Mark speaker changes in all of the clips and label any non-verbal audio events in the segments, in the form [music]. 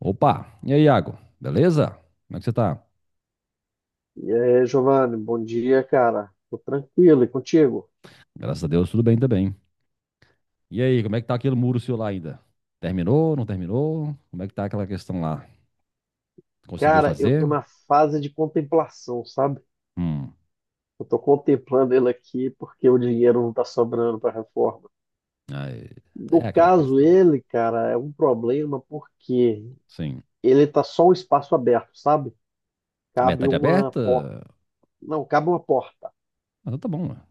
Speaker 1: Opa, e aí, Iago? Beleza? Como é que você tá?
Speaker 2: E aí, Giovanni, bom dia, cara. Tô tranquilo e contigo?
Speaker 1: Graças a Deus, tudo bem também. E aí, como é que tá aquele muro seu lá ainda? Terminou, não terminou? Como é que tá aquela questão lá? Conseguiu
Speaker 2: Cara, eu tô
Speaker 1: fazer?
Speaker 2: na fase de contemplação, sabe?
Speaker 1: Hum.
Speaker 2: Eu tô contemplando ele aqui porque o dinheiro não tá sobrando para reforma.
Speaker 1: Aí,
Speaker 2: No
Speaker 1: é aquela
Speaker 2: caso,
Speaker 1: questão.
Speaker 2: ele, cara, é um problema porque
Speaker 1: Sim.
Speaker 2: ele tá só um espaço aberto, sabe?
Speaker 1: A
Speaker 2: Cabe
Speaker 1: metade
Speaker 2: uma
Speaker 1: aberta?
Speaker 2: porta.
Speaker 1: Ah,
Speaker 2: Não, cabe uma porta.
Speaker 1: então tá bom, né?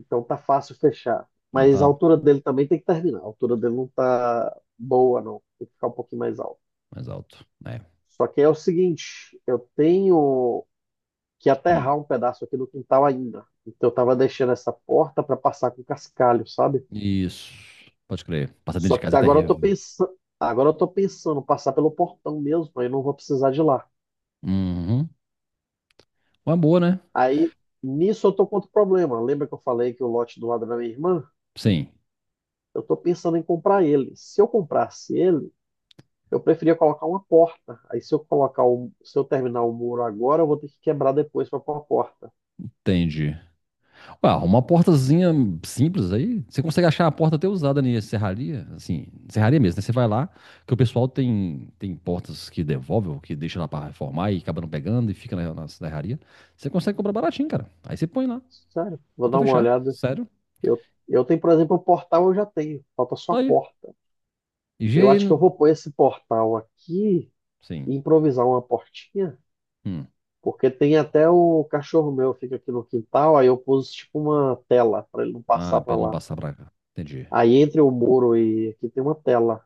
Speaker 2: Então tá fácil fechar.
Speaker 1: Ah,
Speaker 2: Mas a
Speaker 1: tá
Speaker 2: altura dele também tem que terminar. A altura dele não tá boa, não. Tem que ficar um pouquinho mais alto.
Speaker 1: mais alto. É.
Speaker 2: Só que é o seguinte, eu tenho que
Speaker 1: Hum.
Speaker 2: aterrar um pedaço aqui do quintal ainda. Então eu tava deixando essa porta para passar com cascalho, sabe?
Speaker 1: Isso. Pode crer. Passar dentro
Speaker 2: Só
Speaker 1: de
Speaker 2: que
Speaker 1: casa é
Speaker 2: agora eu tô
Speaker 1: terrível.
Speaker 2: pensando, agora eu tô pensando em passar pelo portão mesmo, aí não vou precisar de lá.
Speaker 1: Uhum. Uma boa, né?
Speaker 2: Aí nisso eu tô com outro problema. Lembra que eu falei que o lote do lado da minha irmã?
Speaker 1: Sim.
Speaker 2: Eu tô pensando em comprar ele. Se eu comprasse ele, eu preferia colocar uma porta. Aí se eu colocar o, se eu terminar o muro agora, eu vou ter que quebrar depois para pôr a porta.
Speaker 1: Entendi. Pá, uma portazinha simples aí, você consegue achar a porta até usada na serraria, assim, serraria mesmo, né? Você vai lá, que o pessoal tem portas que devolve ou que deixa lá pra reformar e acaba não pegando e fica na serraria. Você consegue comprar baratinho, cara. Aí você põe lá,
Speaker 2: Sério,
Speaker 1: só
Speaker 2: vou
Speaker 1: pra
Speaker 2: dar uma
Speaker 1: fechar,
Speaker 2: olhada.
Speaker 1: sério.
Speaker 2: Eu tenho, por exemplo, o portal eu já tenho, falta só a
Speaker 1: Tá. Aí,
Speaker 2: porta. Eu acho
Speaker 1: higiene,
Speaker 2: que eu vou pôr esse portal aqui
Speaker 1: sim.
Speaker 2: e improvisar uma portinha,
Speaker 1: Hum.
Speaker 2: porque tem até o cachorro meu fica aqui no quintal, aí eu pus tipo uma tela para ele não passar
Speaker 1: Ah, pra
Speaker 2: para
Speaker 1: ele não
Speaker 2: lá.
Speaker 1: passar pra cá. Entendi.
Speaker 2: Aí entre o muro e aqui tem uma tela.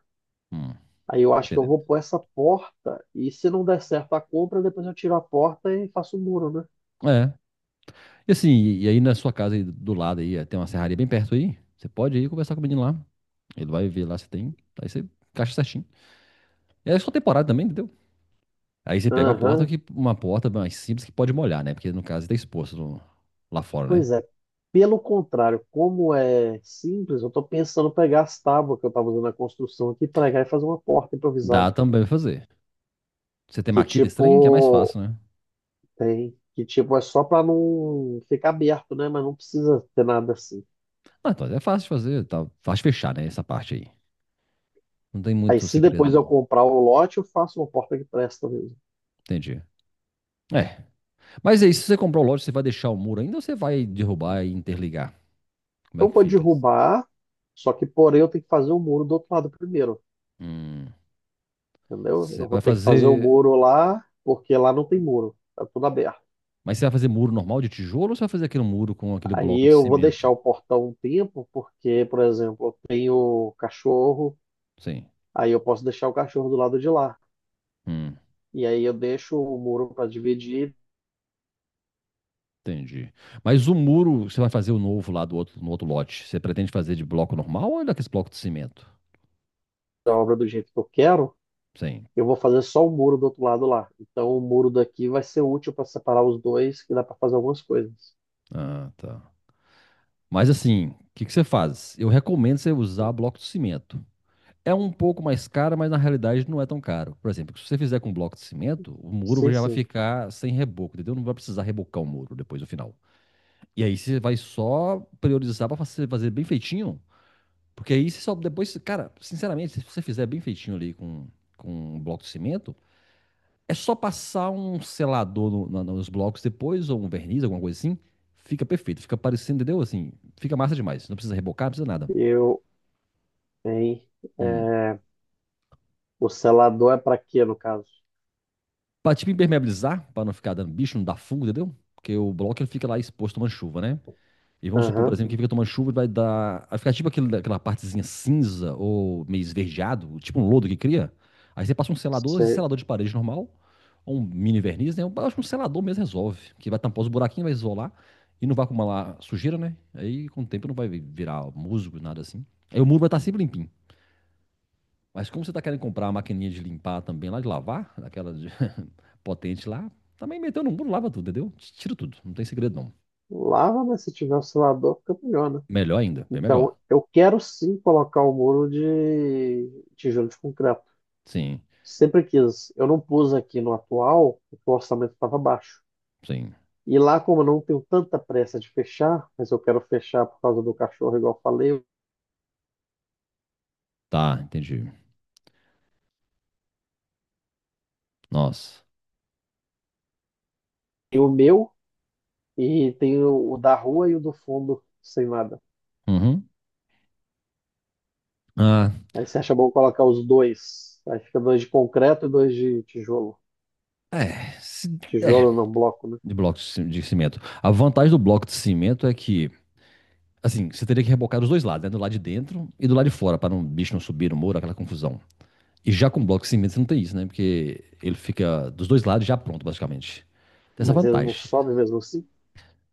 Speaker 1: Hum. Tô
Speaker 2: Aí eu acho que eu
Speaker 1: entendendo.
Speaker 2: vou pôr essa porta e se não der certo a compra, depois eu tiro a porta e faço o muro, né?
Speaker 1: É, e assim, e aí na sua casa aí do lado aí, tem uma serraria bem perto aí, você pode ir conversar com o menino lá, ele vai ver lá se tem, aí você encaixa certinho. É só temporada também, entendeu? Aí você pega uma porta
Speaker 2: Aham,
Speaker 1: mais simples que pode molhar, né? Porque no caso tá exposto lá fora, né?
Speaker 2: pois é. Pelo contrário, como é simples, eu estou pensando em pegar as tábuas que eu estava usando na construção aqui, pregar e fazer uma porta
Speaker 1: Dá
Speaker 2: improvisada.
Speaker 1: também pra fazer. Você tem
Speaker 2: Que
Speaker 1: maquita
Speaker 2: tipo,
Speaker 1: estranha, que é mais fácil, né?
Speaker 2: tem. Que tipo, é só pra não ficar aberto, né? Mas não precisa ter nada assim.
Speaker 1: Ah, então é fácil de fazer, tá fácil de fechar, né? Essa parte aí. Não tem
Speaker 2: Aí
Speaker 1: muito
Speaker 2: se
Speaker 1: segredo,
Speaker 2: depois eu
Speaker 1: não.
Speaker 2: comprar o lote, eu faço uma porta que presta mesmo.
Speaker 1: Entendi. É. Mas é isso, se você comprou o lote, você vai deixar o muro ainda ou você vai derrubar e interligar? Como é
Speaker 2: Eu
Speaker 1: que
Speaker 2: vou
Speaker 1: fica?
Speaker 2: derrubar, só que porém eu tenho que fazer o muro do outro lado primeiro,
Speaker 1: Hum.
Speaker 2: entendeu?
Speaker 1: Você
Speaker 2: Eu vou
Speaker 1: vai
Speaker 2: ter que fazer o
Speaker 1: fazer.
Speaker 2: muro lá, porque lá não tem muro, tá tudo aberto.
Speaker 1: Mas você vai fazer muro normal de tijolo ou você vai fazer aquele muro com aquele
Speaker 2: Aí
Speaker 1: bloco de
Speaker 2: eu vou deixar
Speaker 1: cimento?
Speaker 2: o portão um tempo, porque, por exemplo, eu tenho cachorro,
Speaker 1: Sim.
Speaker 2: aí eu posso deixar o cachorro do lado de lá.
Speaker 1: Hum.
Speaker 2: E aí eu deixo o muro para dividir
Speaker 1: Entendi. Mas o muro, você vai fazer o novo lá do outro, no outro lote, você pretende fazer de bloco normal ou é daqueles blocos de cimento?
Speaker 2: a obra do jeito que eu quero,
Speaker 1: Sim.
Speaker 2: eu vou fazer só o muro do outro lado lá. Então o muro daqui vai ser útil para separar os dois, que dá para fazer algumas coisas.
Speaker 1: Ah, tá. Mas assim, o que que você faz? Eu recomendo você usar bloco de cimento. É um pouco mais caro, mas na realidade não é tão caro. Por exemplo, se você fizer com bloco de cimento, o muro
Speaker 2: Sim,
Speaker 1: já vai
Speaker 2: sim.
Speaker 1: ficar sem reboco, entendeu? Não vai precisar rebocar o muro depois no final. E aí você vai só priorizar para fazer bem feitinho, porque aí você só depois, cara, sinceramente, se você fizer bem feitinho ali com um bloco de cimento, é só passar um selador nos blocos depois, ou um verniz, alguma coisa assim. Fica perfeito. Fica parecendo, entendeu? Assim, fica massa demais. Não precisa rebocar, não precisa nada.
Speaker 2: Eu, hein?
Speaker 1: Hum.
Speaker 2: É, o selador é para quê, no caso?
Speaker 1: Pra tipo impermeabilizar, pra não ficar dando bicho, não dar fungo, entendeu? Porque o bloco ele fica lá exposto tomando chuva, né? E vamos supor, por
Speaker 2: Aham.
Speaker 1: exemplo, que fica tomando chuva e vai dar. Vai ficar tipo aquela partezinha cinza ou meio esverdeado, tipo um lodo que cria. Aí você passa um selador, esse
Speaker 2: Você
Speaker 1: selador de parede normal, um mini verniz, né? Eu acho que um selador mesmo resolve. Que vai tampar os buraquinhos, vai isolar e não vai acumular sujeira, né? Aí com o tempo não vai virar musgo, nada assim. Aí o muro vai estar sempre limpinho. Mas como você tá querendo comprar a maquininha de limpar também lá, de lavar, aquela [laughs] potente lá, também meteu no muro, lava tudo, entendeu? Tira tudo, não tem segredo não.
Speaker 2: lava, mas se tiver o selador, fica melhor, né?
Speaker 1: Melhor ainda, bem
Speaker 2: Então,
Speaker 1: melhor.
Speaker 2: eu quero sim colocar o muro de tijolo de concreto.
Speaker 1: Sim,
Speaker 2: Sempre quis. Eu não pus aqui no atual, porque o orçamento estava baixo.
Speaker 1: sim.
Speaker 2: E lá, como eu não tenho tanta pressa de fechar, mas eu quero fechar por causa do cachorro, igual eu falei,
Speaker 1: Tá, entendi. Nossa.
Speaker 2: tem o meu e tem o da rua e o do fundo sem nada.
Speaker 1: Uhum. Ah,
Speaker 2: Aí você acha bom colocar os dois. Aí fica dois de concreto e dois de tijolo.
Speaker 1: é, é,
Speaker 2: Tijolo não bloco, né?
Speaker 1: de bloco de de cimento. A vantagem do bloco de cimento é que, assim, você teria que rebocar dos dois lados, né? Do lado de dentro e do lado de fora, para o bicho não subir no muro, aquela confusão. E já com bloco de cimento você não tem isso, né? Porque ele fica dos dois lados já pronto, basicamente. Tem essa
Speaker 2: Mas eles não
Speaker 1: vantagem.
Speaker 2: sobem mesmo assim.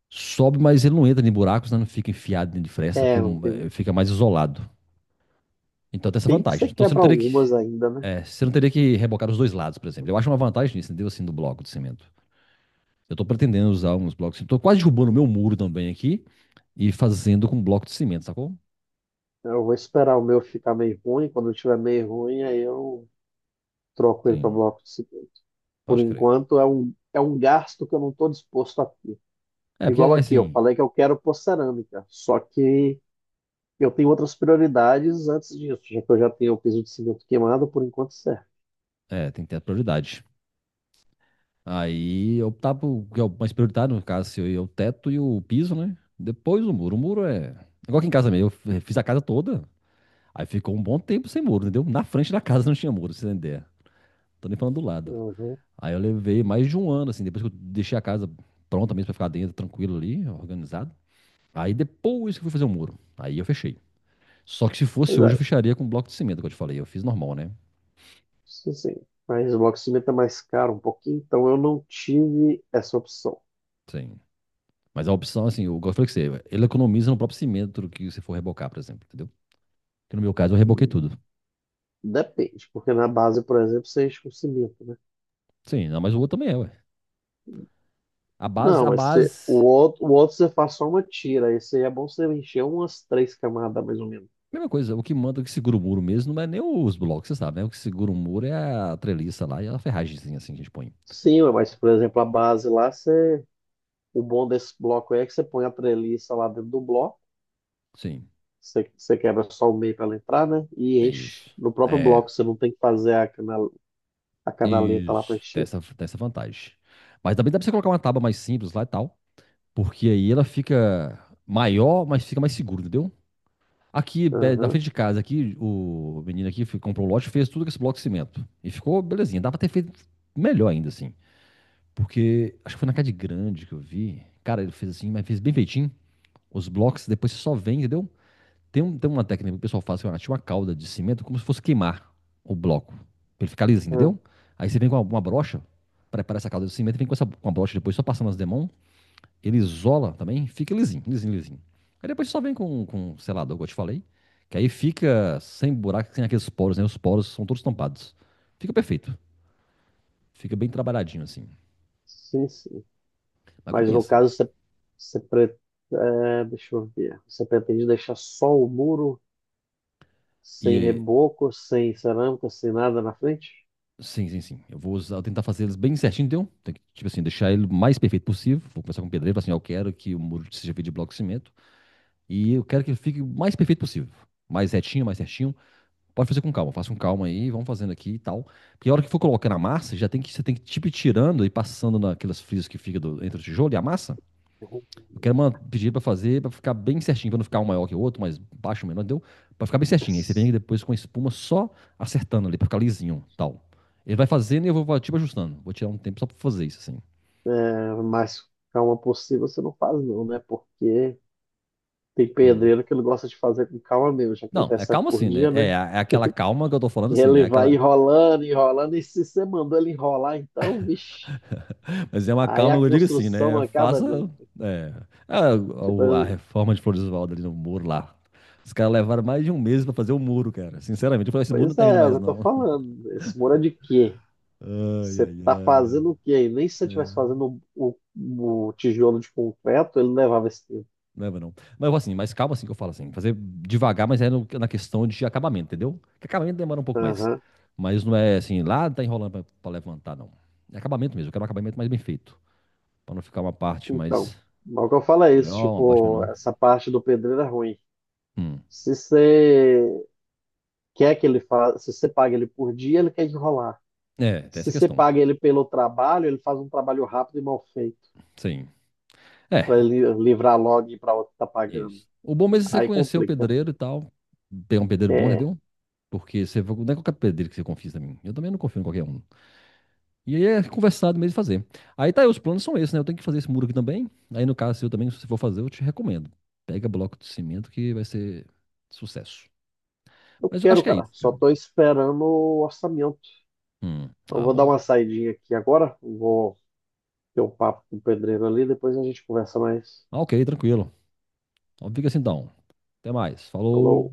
Speaker 1: Sobe, mas ele não entra em buracos, né? Não fica enfiado dentro de fresta, porque
Speaker 2: É, não tem,
Speaker 1: fica mais isolado. Então tem essa
Speaker 2: tem que você
Speaker 1: vantagem. Então você não
Speaker 2: quebra
Speaker 1: teria
Speaker 2: algumas
Speaker 1: que.
Speaker 2: ainda, né?
Speaker 1: Você não teria que rebocar dos dois lados, por exemplo. Eu acho uma vantagem nisso, entendeu? Assim, do bloco de cimento. Eu tô pretendendo usar uns blocos de cimento. Tô quase derrubando o meu muro também aqui e fazendo com bloco de cimento, sacou?
Speaker 2: Eu vou esperar o meu ficar meio ruim. Quando tiver meio ruim, aí eu troco ele para
Speaker 1: Sim,
Speaker 2: bloco de cimento. Por
Speaker 1: pode crer.
Speaker 2: enquanto, é um gasto que eu não estou disposto a ter.
Speaker 1: É, porque
Speaker 2: Igual
Speaker 1: é
Speaker 2: aqui, eu
Speaker 1: assim,
Speaker 2: falei que eu quero pôr cerâmica, só que eu tenho outras prioridades antes disso, já que eu já tenho o piso de cimento queimado, por enquanto serve.
Speaker 1: tem que ter a prioridade. Aí optar por, que é o mais prioritário, no caso, se eu ia o teto e o piso, né? Depois o muro. O muro é. Igual aqui em casa mesmo, eu fiz a casa toda, aí ficou um bom tempo sem muro, entendeu? Na frente da casa não tinha muro, você entender. Tô nem falando do lado.
Speaker 2: Uhum.
Speaker 1: Aí eu levei mais de um ano, assim, depois que eu deixei a casa pronta mesmo pra ficar dentro, tranquilo ali, organizado. Aí depois que eu fui fazer o muro. Aí eu fechei. Só que se fosse
Speaker 2: Pois é,
Speaker 1: hoje, eu fecharia com bloco de cimento, que eu te falei. Eu fiz normal, né?
Speaker 2: sim, sim. Mas o bloco de cimento é mais caro um pouquinho, então eu não tive essa opção.
Speaker 1: Sim. Mas a opção, assim, eu gosto que você, ele economiza no próprio cimento que você for rebocar, por exemplo, entendeu? Que no meu caso eu reboquei tudo.
Speaker 2: Depende, porque na base, por exemplo, você enche com cimento, né?
Speaker 1: Sim, não, mas o outro também é, ué. A base,
Speaker 2: Não,
Speaker 1: a
Speaker 2: mas você,
Speaker 1: base,
Speaker 2: o outro você faz só uma tira, esse aí é bom você encher umas três camadas, mais ou menos.
Speaker 1: mesma coisa, o que manda, o que segura o muro mesmo, não é nem os blocos, você sabe, né? O que segura o muro é a treliça lá e a ferragemzinha assim que a gente põe.
Speaker 2: Sim, mas, por exemplo, a base lá, você, o bom desse bloco é que você põe a treliça lá dentro do bloco.
Speaker 1: Sim,
Speaker 2: Você, você quebra só o meio para ela entrar, né? E
Speaker 1: é
Speaker 2: enche
Speaker 1: isso.
Speaker 2: no próprio
Speaker 1: É,
Speaker 2: bloco. Você não tem que fazer a, canal, a canaleta lá para
Speaker 1: isso, tem
Speaker 2: encher.
Speaker 1: essa, tem essa vantagem. Mas também dá pra você colocar uma tábua mais simples lá e tal, porque aí ela fica maior, mas fica mais seguro, entendeu? Aqui, na
Speaker 2: Aham.
Speaker 1: frente de casa, aqui, o menino aqui comprou um lote, fez tudo com esse bloco de cimento. E ficou belezinha. Dá pra ter feito melhor ainda, assim. Porque acho que foi na Cade Grande que eu vi. Cara, ele fez assim, mas fez bem feitinho. Os blocos, depois você só vem, entendeu? Tem uma técnica que o pessoal faz, que é uma calda de cimento, como se fosse queimar o bloco. Pra ele ficar liso,
Speaker 2: Ah,
Speaker 1: entendeu? Aí você vem com uma brocha, prepara essa calda de cimento e vem com a brocha depois, só passando as demãos ele isola também, fica lisinho, lisinho, lisinho. Aí depois só vem com selador, como eu te falei, que aí fica sem buraco, sem aqueles poros, né? Os poros são todos tampados. Fica perfeito, fica bem trabalhadinho assim,
Speaker 2: sim, sim.
Speaker 1: mas
Speaker 2: Mas no
Speaker 1: compensa.
Speaker 2: caso, você, você pre- é, deixa eu ver. Você pretende deixar só o muro,
Speaker 1: E
Speaker 2: sem reboco, sem cerâmica, sem nada na frente?
Speaker 1: sim, sim, sim, eu vou tentar fazer eles bem certinho, entendeu? Tem que, tipo assim, deixar ele o mais perfeito possível. Vou conversar com o pedreiro, falar assim, ó, eu quero que o muro seja feito de bloco de cimento e eu quero que ele fique o mais perfeito possível. Mais retinho, mais certinho. Pode fazer com calma, faça com calma aí, vamos fazendo aqui e tal. Porque a hora que for colocando a massa, já tem que, você tem que tipo ir tirando e passando naquelas frisas que fica entre o tijolo e a massa.
Speaker 2: Uhum.
Speaker 1: Eu quero pedir para fazer, para ficar bem certinho, para não ficar um maior que o outro, mas baixo, menor, deu? Para ficar bem certinho. Aí você vem depois com a espuma só acertando ali, para ficar lisinho, tal. Ele vai fazendo e eu vou tipo ajustando. Vou tirar um tempo só para fazer isso assim.
Speaker 2: É, mas calma possível você não faz, não, né? Porque tem
Speaker 1: Hum.
Speaker 2: pedreiro que ele gosta de fazer com calma mesmo, já que ele
Speaker 1: Não, é
Speaker 2: recebe
Speaker 1: calma
Speaker 2: por
Speaker 1: assim, né?
Speaker 2: dia,
Speaker 1: É,
Speaker 2: né?
Speaker 1: é aquela calma que eu tô falando
Speaker 2: E
Speaker 1: assim,
Speaker 2: ele
Speaker 1: né?
Speaker 2: vai
Speaker 1: Aquela.
Speaker 2: enrolando, enrolando, e se você mandou ele enrolar, então, vixe,
Speaker 1: Mas é uma
Speaker 2: aí
Speaker 1: calma,
Speaker 2: a
Speaker 1: eu digo assim,
Speaker 2: construção não
Speaker 1: né?
Speaker 2: acaba
Speaker 1: Faça.
Speaker 2: nunca.
Speaker 1: É a, a
Speaker 2: Tipo,
Speaker 1: reforma de Floridsvaldo ali no muro lá. Os caras levaram mais de um mês pra fazer o muro, cara. Sinceramente, eu falei, esse muro não
Speaker 2: pois é,
Speaker 1: termina
Speaker 2: é o que
Speaker 1: mais,
Speaker 2: eu tô
Speaker 1: não. [laughs]
Speaker 2: falando. Esse muro é de quê?
Speaker 1: Ai,
Speaker 2: Você
Speaker 1: ai,
Speaker 2: tá
Speaker 1: ai.
Speaker 2: fazendo o quê? E nem se você estivesse
Speaker 1: É,
Speaker 2: fazendo o tijolo de concreto, ele levava esse tempo.
Speaker 1: não é, não. Mas assim, mais calma assim que eu falo assim. Fazer devagar, mas é na questão de acabamento, entendeu? Que acabamento demora um pouco mais.
Speaker 2: Aham.
Speaker 1: Mas não é assim, lá tá enrolando pra levantar, não. É acabamento mesmo, eu quero um acabamento mais bem feito. Pra não ficar uma parte
Speaker 2: Então,
Speaker 1: mais
Speaker 2: logo que eu falo é isso,
Speaker 1: maior, uma parte
Speaker 2: tipo,
Speaker 1: menor.
Speaker 2: essa parte do pedreiro é ruim.
Speaker 1: Hum.
Speaker 2: Se você quer que ele faça, se você paga ele por dia, ele quer enrolar.
Speaker 1: É, tem
Speaker 2: Se
Speaker 1: essa
Speaker 2: você
Speaker 1: questão.
Speaker 2: paga ele pelo trabalho, ele faz um trabalho rápido e mal feito.
Speaker 1: Sim. É,
Speaker 2: Para livrar logo e para outro que tá pagando.
Speaker 1: isso. O bom mesmo é você
Speaker 2: Aí
Speaker 1: conhecer o
Speaker 2: complica.
Speaker 1: pedreiro e tal. Pegar um pedreiro bom,
Speaker 2: É,
Speaker 1: entendeu? Porque você não é qualquer pedreiro que você confia também. Eu também não confio em qualquer um. E aí é conversado mesmo e fazer. Aí tá aí, os planos são esses, né? Eu tenho que fazer esse muro aqui também. Aí no caso seu também, se você for fazer, eu te recomendo. Pega bloco de cimento que vai ser sucesso.
Speaker 2: eu
Speaker 1: Mas eu acho
Speaker 2: quero,
Speaker 1: que é
Speaker 2: cara.
Speaker 1: isso,
Speaker 2: Só
Speaker 1: cara.
Speaker 2: tô esperando o orçamento. Eu
Speaker 1: Ah,
Speaker 2: vou dar
Speaker 1: bom.
Speaker 2: uma saidinha aqui agora. Vou ter um papo com o pedreiro ali, depois a gente conversa mais.
Speaker 1: Ah, ok, tranquilo. Então fica assim então. Até mais.
Speaker 2: Falou.
Speaker 1: Falou.